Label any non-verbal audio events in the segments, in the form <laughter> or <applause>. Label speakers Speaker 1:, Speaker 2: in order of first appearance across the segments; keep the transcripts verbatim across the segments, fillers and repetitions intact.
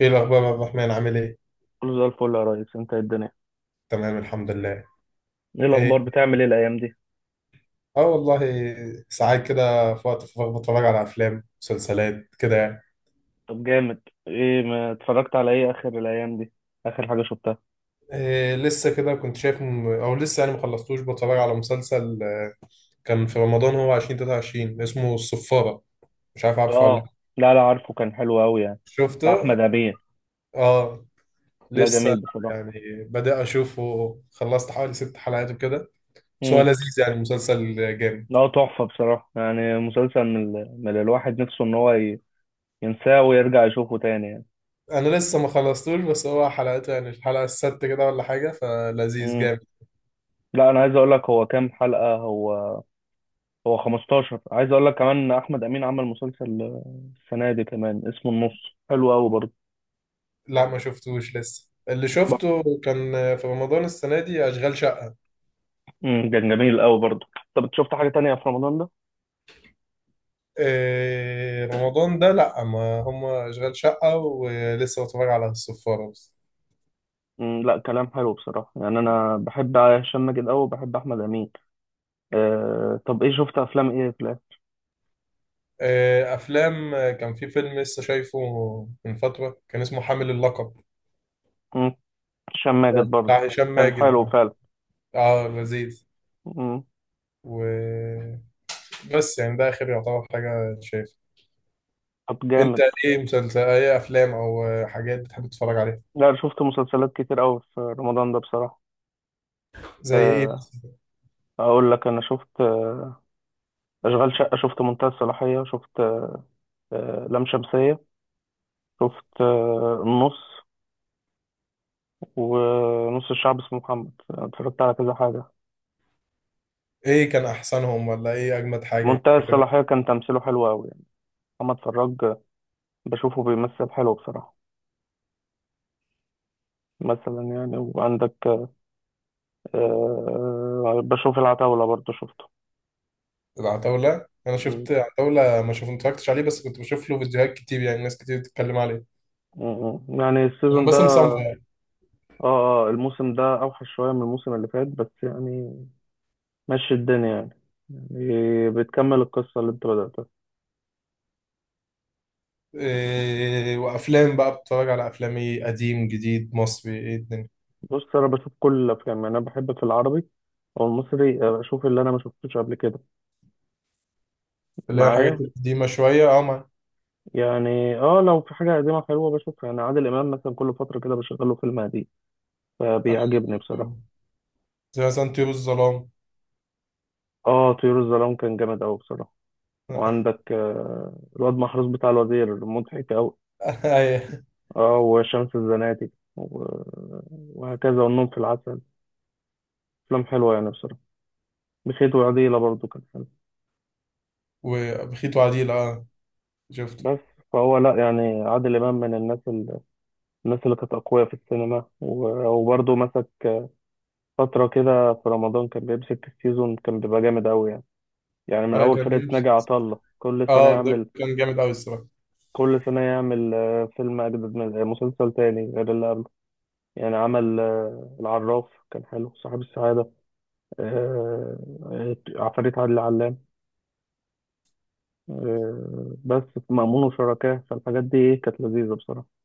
Speaker 1: ايه الاخبار يا عبد الرحمن، عامل ايه؟
Speaker 2: كله زي الفل يا ريس، انت ايه الدنيا؟
Speaker 1: تمام، الحمد لله.
Speaker 2: ايه
Speaker 1: ايه.
Speaker 2: الاخبار، بتعمل ايه الايام دي؟
Speaker 1: اه والله، ساعات كده في وقت الفراغ بتفرج على افلام مسلسلات كده يعني.
Speaker 2: طب جامد. ايه ما اتفرجت على ايه اخر الايام دي؟ اخر حاجه شفتها؟
Speaker 1: إيه، لسه كده كنت شايف م... او لسه يعني ما خلصتوش. بتفرج على مسلسل، آه، كان في رمضان، هو ألفين وتلاتة وعشرين، اسمه الصفارة. مش عارف، عارفه ولا لأ؟
Speaker 2: اه، لا لا عارفه، كان حلو قوي يعني. بتاع
Speaker 1: شفته.
Speaker 2: احمد امين.
Speaker 1: اه
Speaker 2: لا جميل
Speaker 1: لسه
Speaker 2: بصراحه.
Speaker 1: يعني، بدأ اشوفه، خلصت حوالي ست حلقات وكده. بس هو
Speaker 2: امم.
Speaker 1: لذيذ يعني، مسلسل جامد.
Speaker 2: لا تحفه بصراحه، يعني مسلسل من, ال... من الواحد نفسه ان هو ي... ينساه ويرجع يشوفه تاني يعني.
Speaker 1: انا لسه ما خلصتوش، بس هو حلقته يعني الحلقه السادسه كده ولا حاجه، فلذيذ
Speaker 2: امم.
Speaker 1: جامد.
Speaker 2: لا انا عايز اقول لك هو كام حلقه؟ هو هو خمستاشر. عايز اقول لك كمان احمد امين عمل مسلسل آه، السنه دي كمان اسمه النص. حلو قوي برضه.
Speaker 1: لا ما شفتوش لسه، اللي شفته كان في رمضان السنه دي اشغال شقه.
Speaker 2: امم كان جميل قوي برضه. طب إنت شفت حاجة تانية في رمضان ده؟
Speaker 1: إيه رمضان ده، لا، ما هم اشغال شقه، ولسه بتفرج على الصفاره بس.
Speaker 2: امم لا كلام حلو بصراحة، يعني أنا بحب هشام ماجد قوي وبحب أحمد أمين. أه، طب إيه شفت أفلام إيه في الآخر؟
Speaker 1: إيه، افلام، آه، كان في فيلم لسه شايفه من فتره، كان اسمه حامل اللقب،
Speaker 2: امم هشام ماجد برضه.
Speaker 1: بتاع هشام
Speaker 2: كان
Speaker 1: ماجد
Speaker 2: حلو
Speaker 1: يعني.
Speaker 2: فعلا.
Speaker 1: اه لذيذ.
Speaker 2: امم
Speaker 1: وبس، يعني ده اخر يعتبر حاجه شايفها.
Speaker 2: طب
Speaker 1: انت
Speaker 2: جامد.
Speaker 1: ايه؟ مسلسل ايه، افلام او حاجات بتحب تتفرج عليها؟
Speaker 2: لا أنا شفت مسلسلات كتير قوي في رمضان ده بصراحة.
Speaker 1: زي ايه؟
Speaker 2: أه، أقول لك أنا شفت آه، أشغال شقة، شفت منتهى الصلاحية، شفت آه، لام شمسية، شفت آه، النص ونص، الشعب اسمه محمد. اتفرجت على كذا حاجة.
Speaker 1: ايه كان احسنهم ولا ايه اجمد حاجه
Speaker 2: منتهى
Speaker 1: كده؟
Speaker 2: الصلاحية كان تمثيله حلو أوي. محمد فراج، بشوفه بيمثل حلو بصراحة. مثلا يعني. وعندك آه، بشوف العتاولة برضه، شفته.
Speaker 1: العتاوله، انا
Speaker 2: م-
Speaker 1: شفت عتاوله، ما شوف اتفرجتش عليه، بس كنت بشوف له فيديوهات كتير، يعني ناس كتير بتتكلم عليه.
Speaker 2: م- يعني
Speaker 1: كان
Speaker 2: السيزون
Speaker 1: باسم
Speaker 2: ده.
Speaker 1: سمرة يعني.
Speaker 2: اه اه، الموسم ده أوحش شوية من الموسم اللي فات، بس يعني ماشي الدنيا يعني. يعني بتكمل القصة اللي انت بدأتها.
Speaker 1: إيه، وافلام بقى، بتتفرج على افلام ايه، قديم جديد مصري، ايه الدنيا؟
Speaker 2: بص أنا بشوف كل الأفلام، يعني أنا بحب في العربي أو المصري آه، بشوف اللي أنا ما شفتوش قبل كده.
Speaker 1: اللي هي الحاجات
Speaker 2: معايا.
Speaker 1: القديمه شويه، اه ما.
Speaker 2: يعني اه، لو في حاجة قديمة حلوة بشوفها. يعني عادل إمام مثلا، كل فترة كده بشغله فيلم قديم فبيعجبني بصراحة.
Speaker 1: <laughs> زي مثلا طيور الظلام.
Speaker 2: اه، طيور الظلام كان جامد أوي بصراحة. وعندك آه، الواد محروس بتاع الوزير مضحك أوي.
Speaker 1: <laughs> ايوه.
Speaker 2: اه، وشمس الزناتي و- وهكذا، والنوم في العسل. أفلام حلوة يعني بصراحة. بخيت وعديلة برضو كان حلو.
Speaker 1: وبخيت وعديل، اه شفته.
Speaker 2: بس فهو لأ، يعني عادل إمام من الناس ال- الناس اللي كانت أقوياء في السينما، و- وبرضو مسك فترة كده في رمضان، كان بيمسك السيزون كان بيبقى جامد أوي يعني. يعني من
Speaker 1: ايوه
Speaker 2: أول
Speaker 1: كان
Speaker 2: فرقة
Speaker 1: جيمس.
Speaker 2: ناجي عطا الله كل سنة
Speaker 1: اه ده
Speaker 2: يعمل.
Speaker 1: كان جامد قوي الصراحه.
Speaker 2: كل سنة يعمل آه، فيلم أجدد من آه، مسلسل تاني غير اللي قبله. يعني عمل آه، العراف كان حلو، صاحب السعادة، آه، آه، عفاريت عادل علام، آه، بس في مأمون وشركاه. فالحاجات دي إيه كانت لذيذة بصراحة.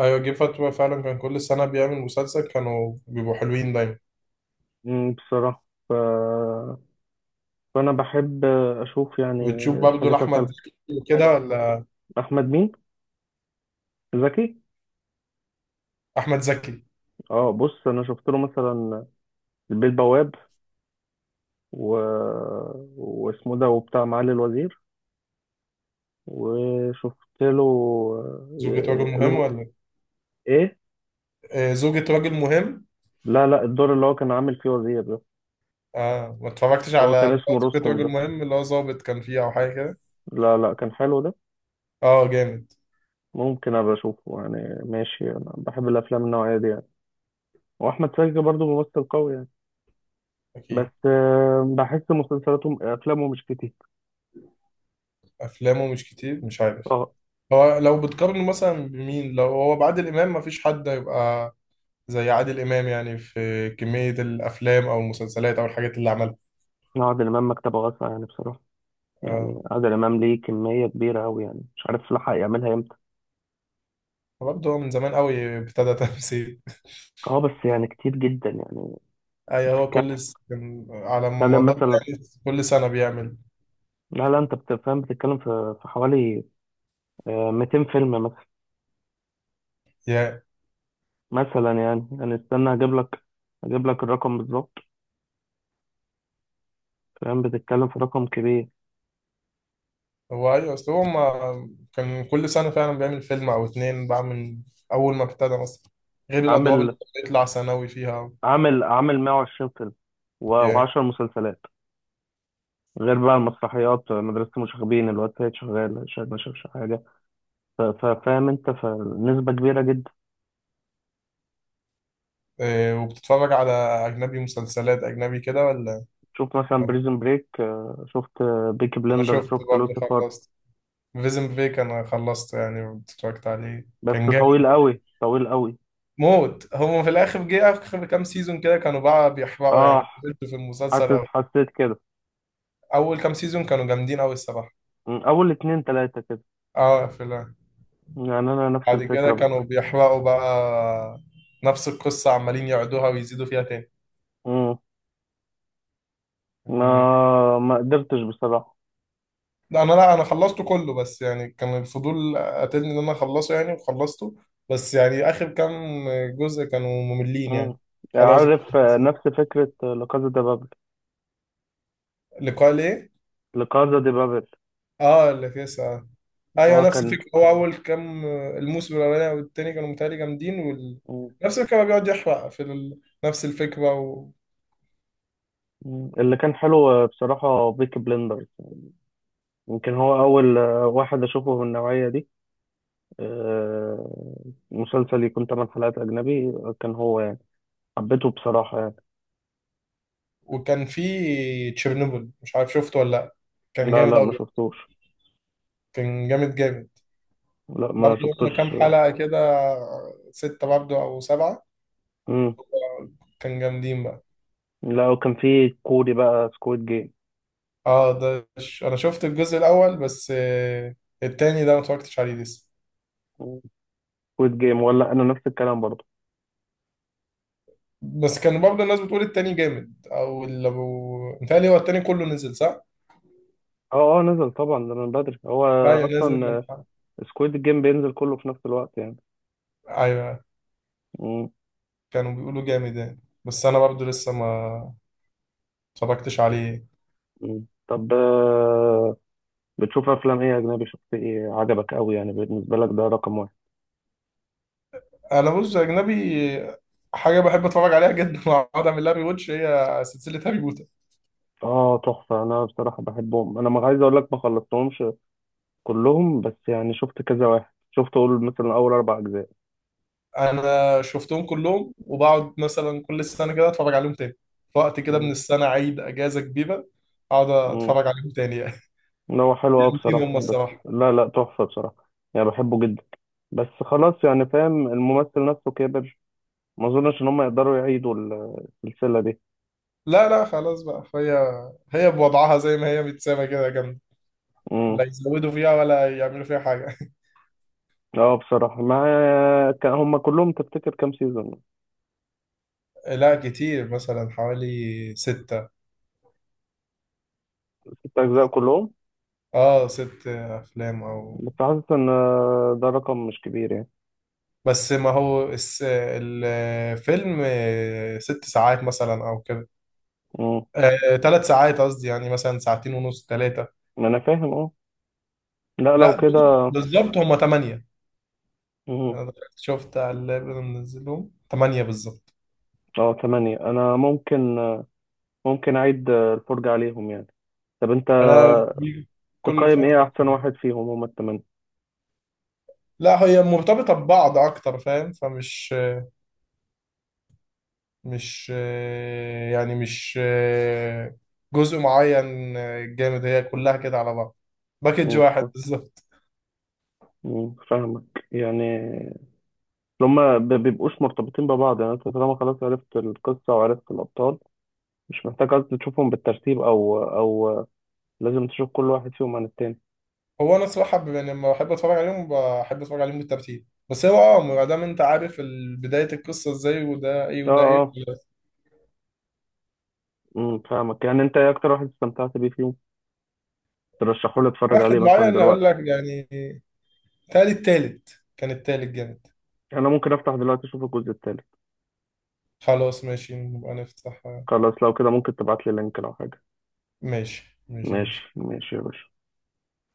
Speaker 1: ايوه جه فترة فعلا، كان كل سنة بيعمل مسلسل، كانوا بيبقوا حلوين دايما.
Speaker 2: مم، بصراحة ف... فأنا بحب أشوف يعني
Speaker 1: بتشوف برضه
Speaker 2: الحاجات
Speaker 1: لأحمد
Speaker 2: الحلوة.
Speaker 1: زكي وكده، ولا؟
Speaker 2: أحمد مين؟ زكي؟
Speaker 1: أحمد زكي.
Speaker 2: اه، بص أنا شفت له مثلا البيه البواب و... واسمه ده وبتاع معالي الوزير. وشفت له
Speaker 1: زوجة رجل
Speaker 2: آه، اللي
Speaker 1: مهم
Speaker 2: هو.
Speaker 1: ولا؟
Speaker 2: إيه؟
Speaker 1: آه زوجة رجل مهم.
Speaker 2: لا لا، الدور اللي هو كان عامل فيه وزير.
Speaker 1: اه، ما اتفرجتش
Speaker 2: اللي هو
Speaker 1: على
Speaker 2: كان
Speaker 1: اللي هو
Speaker 2: اسمه
Speaker 1: زوجة
Speaker 2: رستم
Speaker 1: رجل
Speaker 2: ده.
Speaker 1: مهم، اللي هو ظابط كان فيه أو حاجة كده.
Speaker 2: لا لا، كان حلو ده.
Speaker 1: اه جامد.
Speaker 2: ممكن ابقى اشوفه يعني، ماشي، انا بحب الافلام النوعيه دي يعني. واحمد سقا برضو ممثل قوي يعني.
Speaker 1: أكيد.
Speaker 2: بس آه، بحس مسلسلاته افلامه مش كتير.
Speaker 1: أفلامه مش كتير مش عارف.
Speaker 2: اه،
Speaker 1: هو لو بتقارنه مثلا بمين، لو هو بعادل إمام، مفيش حد هيبقى زي عادل إمام يعني في كمية الأفلام أو المسلسلات أو الحاجات اللي عملها.
Speaker 2: عادل امام مكتبه واسعه يعني بصراحه. يعني
Speaker 1: اه.
Speaker 2: عادل امام ليه كميه كبيره قوي، يعني مش عارف لحق يعملها امتى.
Speaker 1: برضه هو من زمان قوي ابتدى تمثيل.
Speaker 2: اه، بس يعني كتير جدا يعني.
Speaker 1: ايوه هو كل
Speaker 2: بتتكلم
Speaker 1: س... كان على
Speaker 2: بتتكلم
Speaker 1: مدار،
Speaker 2: مثلا.
Speaker 1: يعني كل سنة بيعمل.
Speaker 2: لا لا، انت بتفهم، بتتكلم في في حوالي آه، 200 فيلم مثلا.
Speaker 1: يا.
Speaker 2: مثلا يعني، يعني استنى اجيب لك، اجيب لك الرقم بالظبط. فاهم بتتكلم في رقم كبير.
Speaker 1: هو ايوه، اصل هو ما كان كل سنة فعلا بيعمل فيلم او اتنين بقى من اول ما ابتدى مثلا، غير الادوار
Speaker 2: عامل
Speaker 1: اللي بيطلع ثانوي فيها.
Speaker 2: عامل عامل 120 فيلم
Speaker 1: يا.
Speaker 2: و10 مسلسلات، غير بقى المسرحيات: مدرسة المشاغبين، الواد سيد شغال، شاهد ما شافش حاجة. ف- ف- فاهم انت، فنسبة كبيرة جدا.
Speaker 1: إيه، وبتتفرج على اجنبي، مسلسلات اجنبي كده ولا؟
Speaker 2: شفت مثلا بريزن بريك، شفت بيكي
Speaker 1: انا
Speaker 2: بلندر،
Speaker 1: شفت
Speaker 2: شفت
Speaker 1: برضه،
Speaker 2: لوسيفر.
Speaker 1: خلصت فيزن بريك، انا خلصت يعني، اتفرجت عليه
Speaker 2: بس
Speaker 1: كان
Speaker 2: طويل
Speaker 1: جامد.
Speaker 2: قوي، طويل قوي.
Speaker 1: موت هم في الاخر، جه اخر كام سيزون كده كانوا بقى بيحرقوا
Speaker 2: اه،
Speaker 1: يعني في
Speaker 2: حاسس،
Speaker 1: المسلسل.
Speaker 2: حسيت كده.
Speaker 1: اول كام سيزون كانوا جامدين قوي الصراحة.
Speaker 2: م، اول اتنين تلاتة كده
Speaker 1: اه قافلة.
Speaker 2: يعني انا نفس
Speaker 1: بعد كده
Speaker 2: الفكرة
Speaker 1: كانوا
Speaker 2: بس.
Speaker 1: بيحرقوا بقى، نفس القصة عمالين يعيدوها ويزيدوا فيها تاني.
Speaker 2: م، ما
Speaker 1: و...
Speaker 2: ما قدرتش بصراحة.
Speaker 1: لا انا، لا انا خلصته كله، بس يعني كان الفضول قاتلني ان انا اخلصه يعني وخلصته. بس يعني اخر كام جزء كانوا مملين
Speaker 2: مم.
Speaker 1: يعني. خلاص.
Speaker 2: عارف آه، نفس فكرة لكازا دي بابل.
Speaker 1: لقاء ليه؟
Speaker 2: لكازا دي بابل.
Speaker 1: اه اللي فيه ساعة. ايوه
Speaker 2: هو
Speaker 1: نفس
Speaker 2: كان.
Speaker 1: الفكرة. هو اول كام الموسم الاولاني والتاني كانوا متهيألي جامدين، وال...
Speaker 2: مم.
Speaker 1: نفس الفكرة بقى، بيقعد يحرق في ال... نفس الفكرة.
Speaker 2: مم. اللي كان حلو آه، بصراحة بيكي بلندرز. يمكن هو أول آه، واحد أشوفه من النوعية دي. آه، مسلسل يكون تمن حلقات أجنبي آه، كان هو يعني. حبيته بصراحة يعني.
Speaker 1: وكان في تشيرنوبل، مش عارف شفته ولا لا. كان
Speaker 2: لا
Speaker 1: جامد
Speaker 2: لا ما
Speaker 1: أوي.
Speaker 2: شفتوش.
Speaker 1: كان جامد جامد.
Speaker 2: لا ما
Speaker 1: برضه هما كام
Speaker 2: شفتوش.
Speaker 1: حلقة كده، ستة برضه أو سبعة.
Speaker 2: مم.
Speaker 1: كان جامدين بقى.
Speaker 2: لا وكان في كوري بقى سكويد جيم.
Speaker 1: اه ده ش... أنا شفت الجزء الأول بس، آه، التاني ده ما اتفرجتش عليه لسه.
Speaker 2: سكويد جيم، ولا أنا نفس الكلام برضه.
Speaker 1: بس كان برضه الناس بتقول التاني جامد، أو اللي أبو متهيألي هو التاني كله نزل، صح؟
Speaker 2: اه اه، نزل طبعا ده من بدري هو
Speaker 1: أيوة نازل من
Speaker 2: اصلا.
Speaker 1: حلقة.
Speaker 2: سكويد جيم بينزل كله في نفس الوقت يعني.
Speaker 1: أيوة
Speaker 2: مم.
Speaker 1: كانوا بيقولوا جامد يعني. بس أنا برضه لسه ما اتفرجتش عليه.
Speaker 2: مم. طب آه، بتشوف افلام ايه اجنبي؟ شفت ايه عجبك قوي يعني بالنسبه لك ده رقم واحد؟
Speaker 1: انا بص، اجنبي، حاجه بحب اتفرج عليها جدا <laughs> واقعد اعمل لها ريواتش، هي سلسله هاري بوتر.
Speaker 2: اه، تحفه، انا بصراحه بحبهم. انا ما عايز اقول لك ما خلصتهمش كلهم، بس يعني شفت كذا واحد، شفت اقول مثلا اول اربع اجزاء.
Speaker 1: انا شفتهم كلهم، وبقعد مثلا كل سنه كده اتفرج عليهم تاني، في وقت كده من
Speaker 2: مم.
Speaker 1: السنه، عيد اجازه كبيره، اقعد
Speaker 2: مم.
Speaker 1: اتفرج عليهم تاني يعني.
Speaker 2: لا هو
Speaker 1: <laughs>
Speaker 2: حلو قوي
Speaker 1: جامدين هم
Speaker 2: بصراحه، بس
Speaker 1: الصراحه.
Speaker 2: لا لا، تحفه بصراحه يعني بحبه جدا. بس خلاص يعني، فاهم، الممثل نفسه كبر. ما اظنش ان هم يقدروا يعيدوا ال- السلسله دي.
Speaker 1: لا لا خلاص بقى، فهي هي بوضعها زي ما هي متسامه كده جامده،
Speaker 2: مم.
Speaker 1: لا يزودوا فيها ولا يعملوا فيها حاجه.
Speaker 2: اه بصراحة، ما كان هما كلهم تفتكر كام سيزون؟
Speaker 1: <laughs> لا كتير، مثلا حوالي ستة.
Speaker 2: ست أجزاء كلهم.
Speaker 1: اه ست افلام او،
Speaker 2: بس حاسس إن ده رقم مش كبير يعني.
Speaker 1: بس ما هو الس- الفيلم ست ساعات مثلا او كده،
Speaker 2: مم.
Speaker 1: آه، تلات ساعات قصدي، يعني مثلا ساعتين ونص تلاتة.
Speaker 2: ما أنا فاهم اه. لا لو
Speaker 1: لا
Speaker 2: كده.
Speaker 1: بالظبط هما تمانية.
Speaker 2: مم.
Speaker 1: انا دخلت شفت على اللاب اللي منزلهم تمانية بالظبط.
Speaker 2: اه، تمانية، أنا ممكن، ممكن أعيد الفرجة عليهم يعني. طب أنت
Speaker 1: انا بيجي كل
Speaker 2: تقيم إيه
Speaker 1: فترة.
Speaker 2: أحسن واحد فيهم هما التمانية؟
Speaker 1: لا هي مرتبطة ببعض اكتر، فاهم، فمش مش آه، يعني مش آه، جزء معين آه، جامد، هي كلها كده على بعض، باكج
Speaker 2: مم. ف-
Speaker 1: واحد بالظبط.
Speaker 2: مم. فاهمك يعني. هما ب- بيبقوش مرتبطين ببعض، يعني أنت طالما خلاص عرفت القصة وعرفت الأبطال مش محتاج أصلا تشوفهم بالترتيب أو أو لازم تشوف كل واحد فيهم عن التاني.
Speaker 1: هو انا الصراحه، ب- يعني لما بحب اتفرج عليهم، بحب اتفرج عليهم بالترتيب، بس هو اه، ما دام انت عارف ال- بدايه القصه ازاي، وده ايه
Speaker 2: اه
Speaker 1: وده ايه.
Speaker 2: اه، أمم، فاهمك، يعني انت ايه اكتر واحد استمتعت بيه فيهم؟ ترشحوا لي اتفرج عليه
Speaker 1: واحد
Speaker 2: مثلا
Speaker 1: معين اقول
Speaker 2: دلوقتي.
Speaker 1: لك يعني، تالي التالت، كان التالت جامد.
Speaker 2: يعني انا ممكن افتح دلوقتي اشوف الجزء التالت.
Speaker 1: خلاص ماشي، نبقى نفتح.
Speaker 2: خلاص لو كده، ممكن تبعت لي لينك لو حاجه.
Speaker 1: ماشي ماشي
Speaker 2: ماشي
Speaker 1: ماشي.
Speaker 2: ماشي يا باشا.